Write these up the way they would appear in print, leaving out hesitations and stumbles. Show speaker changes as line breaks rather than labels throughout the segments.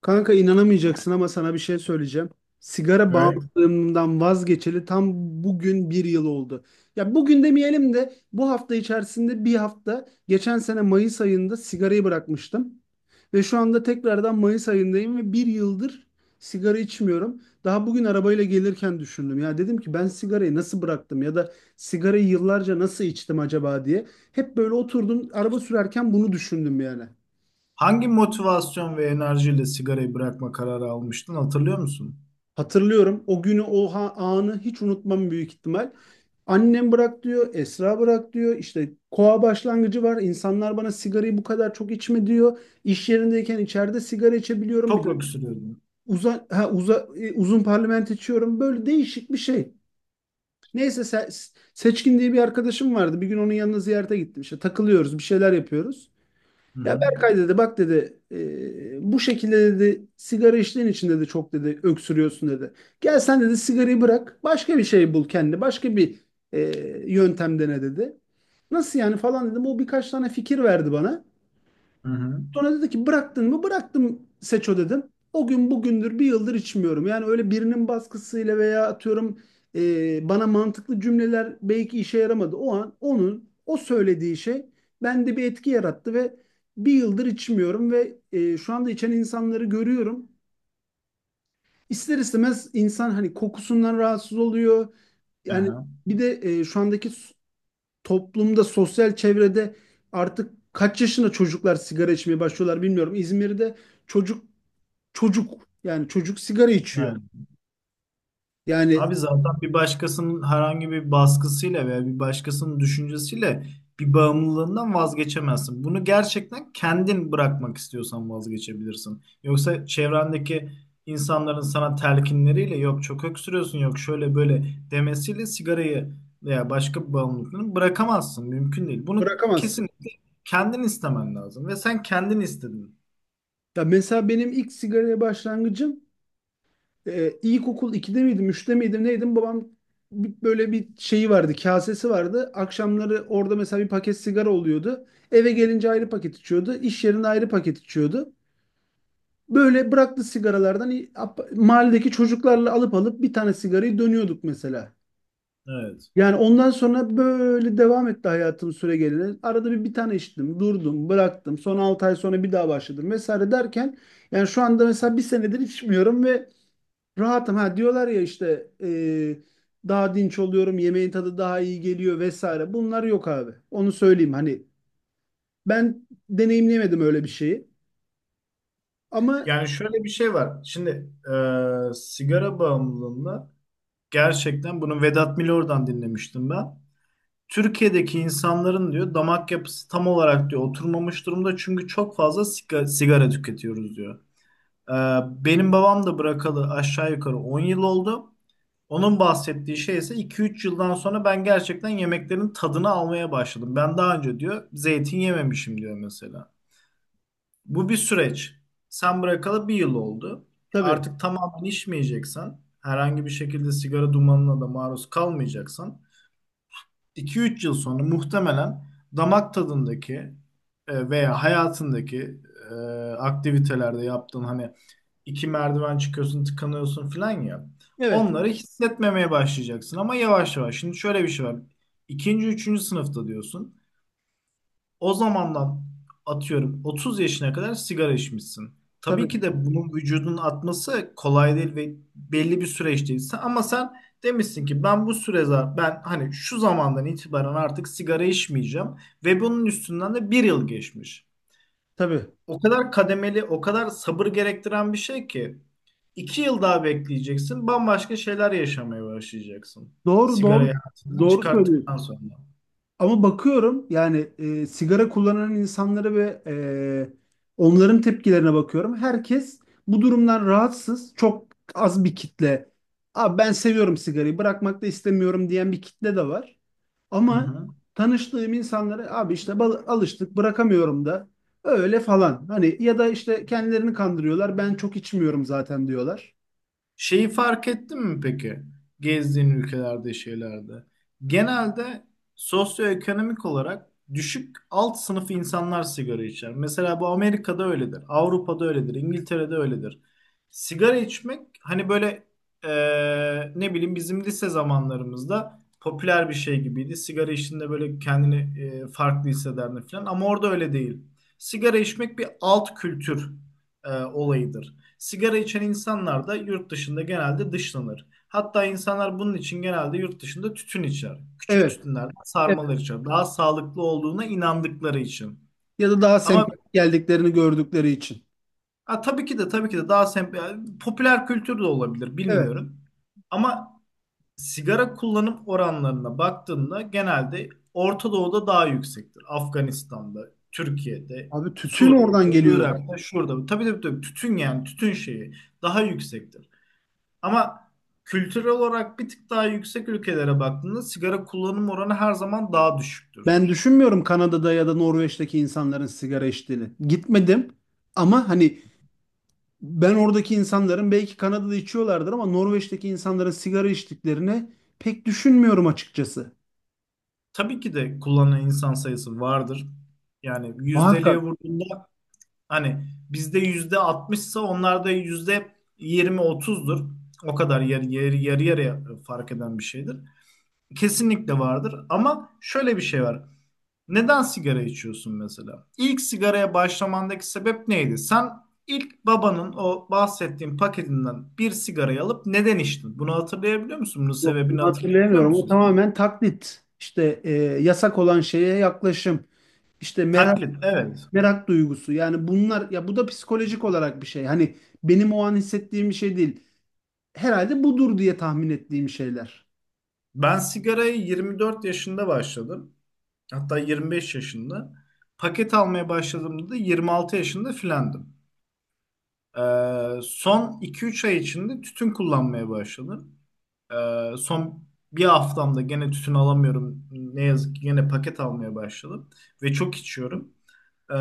Kanka inanamayacaksın ama sana bir şey söyleyeceğim. Sigara
Evet.
bağımlılığımdan vazgeçeli tam bugün bir yıl oldu. Ya bugün demeyelim de bu hafta içerisinde bir hafta geçen sene Mayıs ayında sigarayı bırakmıştım. Ve şu anda tekrardan Mayıs ayındayım ve bir yıldır sigara içmiyorum. Daha bugün arabayla gelirken düşündüm. Ya dedim ki ben sigarayı nasıl bıraktım ya da sigarayı yıllarca nasıl içtim acaba diye. Hep böyle oturdum araba sürerken bunu düşündüm yani.
Hangi motivasyon ve enerjiyle sigarayı bırakma kararı almıştın, hatırlıyor musun?
Hatırlıyorum o günü, o anı hiç unutmam büyük ihtimal. Annem bırak diyor, Esra bırak diyor. İşte koa başlangıcı var. İnsanlar bana sigarayı bu kadar çok içme diyor. İş yerindeyken içeride sigara içebiliyorum. Bir
Çok
de
öksürüyordun.
uza, ha, uza, e, uzun parlament içiyorum. Böyle değişik bir şey. Neyse Seçkin diye bir arkadaşım vardı. Bir gün onun yanına ziyarete gittim. İşte takılıyoruz, bir şeyler yapıyoruz.
Hı
Ya
hı.
Berkay dedi, bak dedi, bu şekilde dedi sigara içtiğin için dedi çok dedi öksürüyorsun dedi. Gel sen dedi sigarayı bırak, başka bir şey bul, kendi başka bir e, yöntem dene dedi. Nasıl yani falan dedim, o birkaç tane fikir verdi bana.
Hı hı.
Sonra dedi ki bıraktın mı? Bıraktım Seço dedim. O gün bugündür bir yıldır içmiyorum. Yani öyle birinin baskısıyla veya atıyorum bana mantıklı cümleler belki işe yaramadı. O an onun o söylediği şey bende bir etki yarattı ve bir yıldır içmiyorum ve şu anda içen insanları görüyorum. İster istemez insan hani kokusundan rahatsız oluyor. Yani
Aha.
bir de şu andaki toplumda, sosyal çevrede artık kaç yaşında çocuklar sigara içmeye başlıyorlar bilmiyorum. İzmir'de çocuk, çocuk, yani çocuk sigara içiyor.
Aynen.
Yani
Abi zaten bir başkasının herhangi bir baskısıyla veya bir başkasının düşüncesiyle bir bağımlılığından vazgeçemezsin. Bunu gerçekten kendin bırakmak istiyorsan vazgeçebilirsin. Yoksa çevrendeki insanların sana telkinleriyle, yok çok öksürüyorsun, yok şöyle böyle demesiyle sigarayı veya başka bir bağımlılığını bırakamazsın. Mümkün değil. Bunu
bırakamazsın.
kesinlikle kendin istemen lazım ve sen kendin istedin.
Ya mesela benim ilk sigaraya başlangıcım, ilkokul iki'de miydim, üç'te miydim, neydim? Babam böyle bir şeyi vardı, kasesi vardı. Akşamları orada mesela bir paket sigara oluyordu. Eve gelince ayrı paket içiyordu. İş yerinde ayrı paket içiyordu. Böyle bıraktı sigaralardan mahalledeki çocuklarla alıp alıp bir tane sigarayı dönüyorduk mesela.
Evet.
Yani ondan sonra böyle devam etti hayatım süre gelene. Arada bir bir tane içtim, durdum, bıraktım. Son 6 ay sonra bir daha başladım vesaire derken yani şu anda mesela bir senedir içmiyorum ve rahatım. Ha diyorlar ya işte daha dinç oluyorum, yemeğin tadı daha iyi geliyor vesaire. Bunlar yok abi. Onu söyleyeyim. Hani ben deneyimleyemedim öyle bir şeyi. Ama
Yani şöyle bir şey var. Şimdi sigara bağımlılığında. Gerçekten bunu Vedat Milor'dan dinlemiştim ben. Türkiye'deki insanların, diyor, damak yapısı tam olarak, diyor, oturmamış durumda çünkü çok fazla sigara tüketiyoruz, diyor. Ee, Benim babam da bırakalı aşağı yukarı 10 yıl oldu. Onun bahsettiği şey ise 2-3 yıldan sonra ben gerçekten yemeklerin tadını almaya başladım. Ben daha önce, diyor, zeytin yememişim, diyor mesela. Bu bir süreç. Sen bırakalı bir yıl oldu.
tabii,
Artık tamamen içmeyeceksen, herhangi bir şekilde sigara dumanına da maruz kalmayacaksan, 2 üç yıl sonra muhtemelen damak tadındaki veya hayatındaki e, aktivitelerde yaptığın, hani iki merdiven çıkıyorsun, tıkanıyorsun falan ya,
evet,
onları hissetmemeye başlayacaksın ama yavaş yavaş. Şimdi şöyle bir şey var. İkinci, üçüncü sınıfta diyorsun. O zamandan atıyorum 30 yaşına kadar sigara içmişsin. Tabii
tabii,
ki de bunun vücudun atması kolay değil ve belli bir süreç değil. Ama sen demişsin ki ben bu ben hani şu zamandan itibaren artık sigara içmeyeceğim ve bunun üstünden de bir yıl geçmiş.
tabii.
O kadar kademeli, o kadar sabır gerektiren bir şey ki iki yıl daha bekleyeceksin, bambaşka şeyler yaşamaya başlayacaksın.
Doğru, doğru,
Sigarayı hayatından
doğru söylüyorsun.
çıkarttıktan sonra.
Ama bakıyorum yani sigara kullanan insanlara ve onların tepkilerine bakıyorum. Herkes bu durumdan rahatsız. Çok az bir kitle. Abi ben seviyorum, sigarayı bırakmak da istemiyorum diyen bir kitle de var.
Hı
Ama
hı.
tanıştığım insanlara abi işte alıştık, bırakamıyorum da öyle falan. Hani ya da işte kendilerini kandırıyorlar. Ben çok içmiyorum zaten diyorlar.
Şeyi fark ettin mi peki? Gezdiğin ülkelerde, şeylerde. Genelde sosyoekonomik olarak düşük alt sınıf insanlar sigara içer. Mesela bu Amerika'da öyledir, Avrupa'da öyledir, İngiltere'de öyledir. Sigara içmek hani böyle, ne bileyim, bizim lise zamanlarımızda popüler bir şey gibiydi. Sigara içtiğinde böyle kendini farklı hissederdin falan ama orada öyle değil. Sigara içmek bir alt kültür olayıdır. Sigara içen insanlar da yurt dışında genelde dışlanır. Hatta insanlar bunun için genelde yurt dışında tütün içer. Küçük
Evet.
tütünler, sarmalar
Evet.
içer. Daha sağlıklı olduğuna inandıkları için.
Ya da daha
Ama
sempatik geldiklerini gördükleri için.
ha, tabii ki de tabii ki de daha yani popüler kültür de olabilir,
Evet.
bilmiyorum. Ama sigara kullanım oranlarına baktığında genelde Orta Doğu'da daha yüksektir. Afganistan'da, Türkiye'de,
Abi tütün oradan
Suriye'de,
geliyor zaten.
Irak'ta, şurada. Tabii tabii tabii, tütün yani tütün şeyi daha yüksektir. Ama kültürel olarak bir tık daha yüksek ülkelere baktığında sigara kullanım oranı her zaman daha düşüktür.
Ben düşünmüyorum Kanada'da ya da Norveç'teki insanların sigara içtiğini. Gitmedim ama hani, ben oradaki insanların, belki Kanada'da içiyorlardır ama Norveç'teki insanların sigara içtiklerini pek düşünmüyorum açıkçası.
Tabii ki de kullanan insan sayısı vardır. Yani yüzdeliğe
Muhakkak.
vurduğunda hani bizde yüzde 60'sa onlarda yüzde 20-30'dur. O kadar yarı yarıya fark eden bir şeydir. Kesinlikle vardır ama şöyle bir şey var. Neden sigara içiyorsun mesela? İlk sigaraya başlamandaki sebep neydi? Sen ilk babanın o bahsettiğin paketinden bir sigarayı alıp neden içtin? Bunu hatırlayabiliyor musun? Bunun
Yok bunu
sebebini hatırlayabiliyor
hatırlayamıyorum. O
musun?
tamamen taklit. İşte yasak olan şeye yaklaşım. İşte merak,
Taklit, evet.
merak duygusu. Yani bunlar, ya bu da psikolojik olarak bir şey. Hani benim o an hissettiğim bir şey değil. Herhalde budur diye tahmin ettiğim şeyler.
Ben sigarayı 24 yaşında başladım. Hatta 25 yaşında. Paket almaya başladığımda da 26 yaşında filandım. Son 2-3 ay içinde tütün kullanmaya başladım. Son bir haftamda gene tütün alamıyorum. Ne yazık ki gene paket almaya başladım ve çok içiyorum. Ee,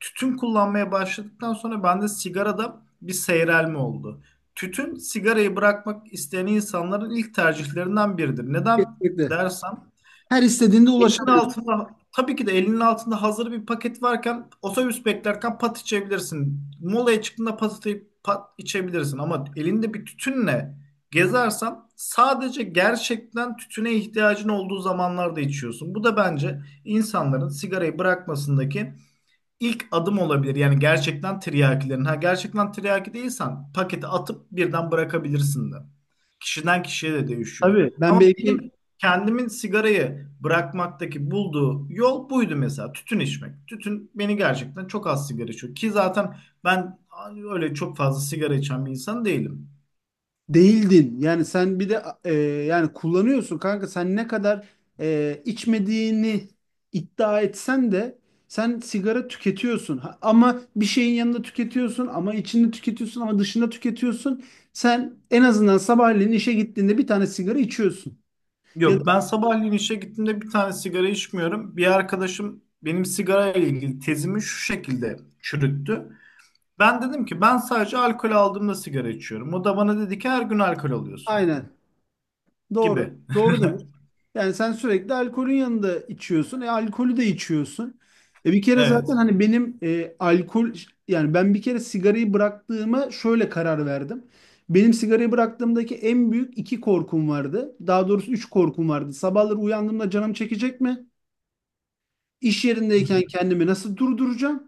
Tütün kullanmaya başladıktan sonra bende sigarada bir seyrelme oldu. Tütün, sigarayı bırakmak isteyen insanların ilk tercihlerinden biridir. Neden
Kesinlikle.
dersen,
Her istediğinde
elinin
ulaşamıyorum.
altında tabii ki de elinin altında hazır bir paket varken otobüs beklerken pat içebilirsin. Molaya çıktığında pat, atayıp pat içebilirsin ama elinde bir tütünle gezersen sadece gerçekten tütüne ihtiyacın olduğu zamanlarda içiyorsun. Bu da bence insanların sigarayı bırakmasındaki ilk adım olabilir. Yani gerçekten tiryakilerin. Ha, gerçekten tiryaki değilsen paketi atıp birden bırakabilirsin de. Kişiden kişiye de değişiyor.
Tabii ben
Ama
belki
benim kendimin sigarayı bırakmaktaki bulduğu yol buydu mesela. Tütün içmek. Tütün beni gerçekten çok az sigara içiyor. Ki zaten ben öyle çok fazla sigara içen bir insan değilim.
değildin. Yani sen bir de yani kullanıyorsun kanka. Sen ne kadar içmediğini iddia etsen de sen sigara tüketiyorsun. Ama bir şeyin yanında tüketiyorsun, ama içinde tüketiyorsun, ama dışında tüketiyorsun. Sen en azından sabahleyin işe gittiğinde bir tane sigara içiyorsun. Ya da
Yok, ben sabahleyin işe gittiğimde bir tane sigara içmiyorum. Bir arkadaşım benim sigara ile ilgili tezimi şu şekilde çürüttü. Ben dedim ki ben sadece alkol aldığımda sigara içiyorum. O da bana dedi ki her gün alkol alıyorsun
aynen.
gibi.
Doğru. Doğru. Yani sen sürekli alkolün yanında içiyorsun. E alkolü de içiyorsun. E bir kere zaten
Evet.
hani benim alkol, yani ben bir kere sigarayı bıraktığıma şöyle karar verdim. Benim sigarayı bıraktığımdaki en büyük iki korkum vardı. Daha doğrusu üç korkum vardı. Sabahları uyandığımda canım çekecek mi? İş yerindeyken
Hı
kendimi nasıl durduracağım?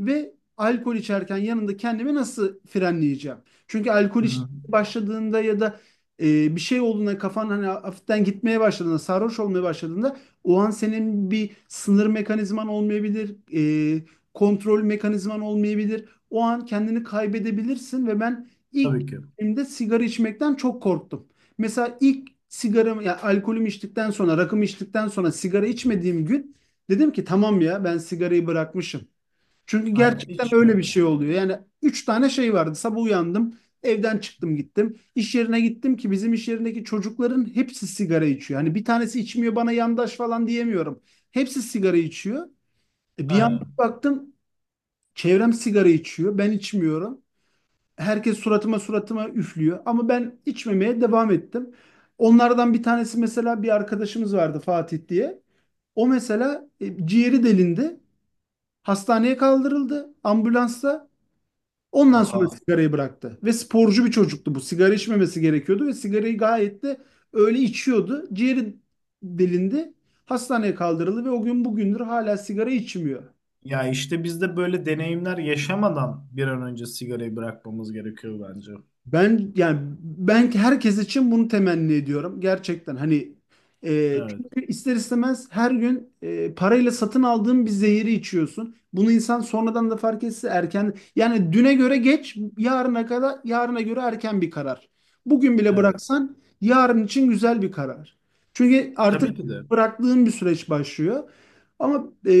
Ve alkol içerken yanında kendimi nasıl frenleyeceğim? Çünkü alkol
hı. Hı.
başladığında ya da bir şey olduğunda kafan hani hafiften gitmeye başladığında, sarhoş olmaya başladığında o an senin bir sınır mekanizman olmayabilir, e, kontrol mekanizman olmayabilir. O an kendini kaybedebilirsin ve ben ilk
Tabii ki.
de sigara içmekten çok korktum. Mesela ilk sigaramı, ya alkolümü içtikten sonra, rakımı içtikten sonra sigara içmediğim gün dedim ki tamam ya, ben sigarayı bırakmışım. Çünkü
Aynen
gerçekten öyle bir
içmiyorum.
şey oluyor. Yani üç tane şey vardı. Sabah uyandım, evden çıktım gittim. İş yerine gittim ki bizim iş yerindeki çocukların hepsi sigara içiyor. Hani bir tanesi içmiyor bana yandaş falan diyemiyorum. Hepsi sigara içiyor. E, bir yandan
Aynen.
baktım çevrem sigara içiyor. Ben içmiyorum. Herkes suratıma suratıma üflüyor. Ama ben içmemeye devam ettim. Onlardan bir tanesi mesela, bir arkadaşımız vardı Fatih diye. O mesela ciğeri delindi. Hastaneye kaldırıldı, ambulansa. Ondan sonra
Oha.
sigarayı bıraktı. Ve sporcu bir çocuktu bu. Sigara içmemesi gerekiyordu ve sigarayı gayet de öyle içiyordu. Ciğeri delindi. Hastaneye kaldırıldı ve o gün bugündür hala sigara içmiyor.
Ya işte biz de böyle deneyimler yaşamadan bir an önce sigarayı bırakmamız gerekiyor bence.
Ben, yani ben herkes için bunu temenni ediyorum gerçekten, hani
Evet.
çünkü ister istemez her gün parayla satın aldığın bir zehiri içiyorsun. Bunu insan sonradan da fark etse erken, yani düne göre geç, yarına kadar yarına göre erken bir karar. Bugün bile
Evet.
bıraksan yarın için güzel bir karar. Çünkü artık
Tabii ki de.
bıraktığın bir süreç başlıyor. Ama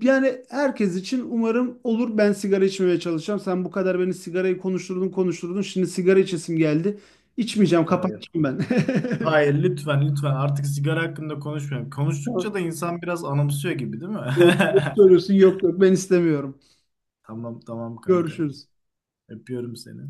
yani herkes için umarım olur. Ben sigara içmemeye çalışacağım. Sen bu kadar beni sigarayı konuşturdun konuşturdun. Şimdi sigara içesim geldi. İçmeyeceğim. Tamam,
Hayır.
kapatacağım ben.
Hayır, lütfen lütfen artık sigara hakkında konuşmayalım. Konuştukça
Tamam.
da insan biraz anımsıyor gibi, değil mi?
Doğru, doğru söylüyorsun. Yok, yok, ben istemiyorum.
Tamam tamam kankam.
Görüşürüz.
Öpüyorum seni.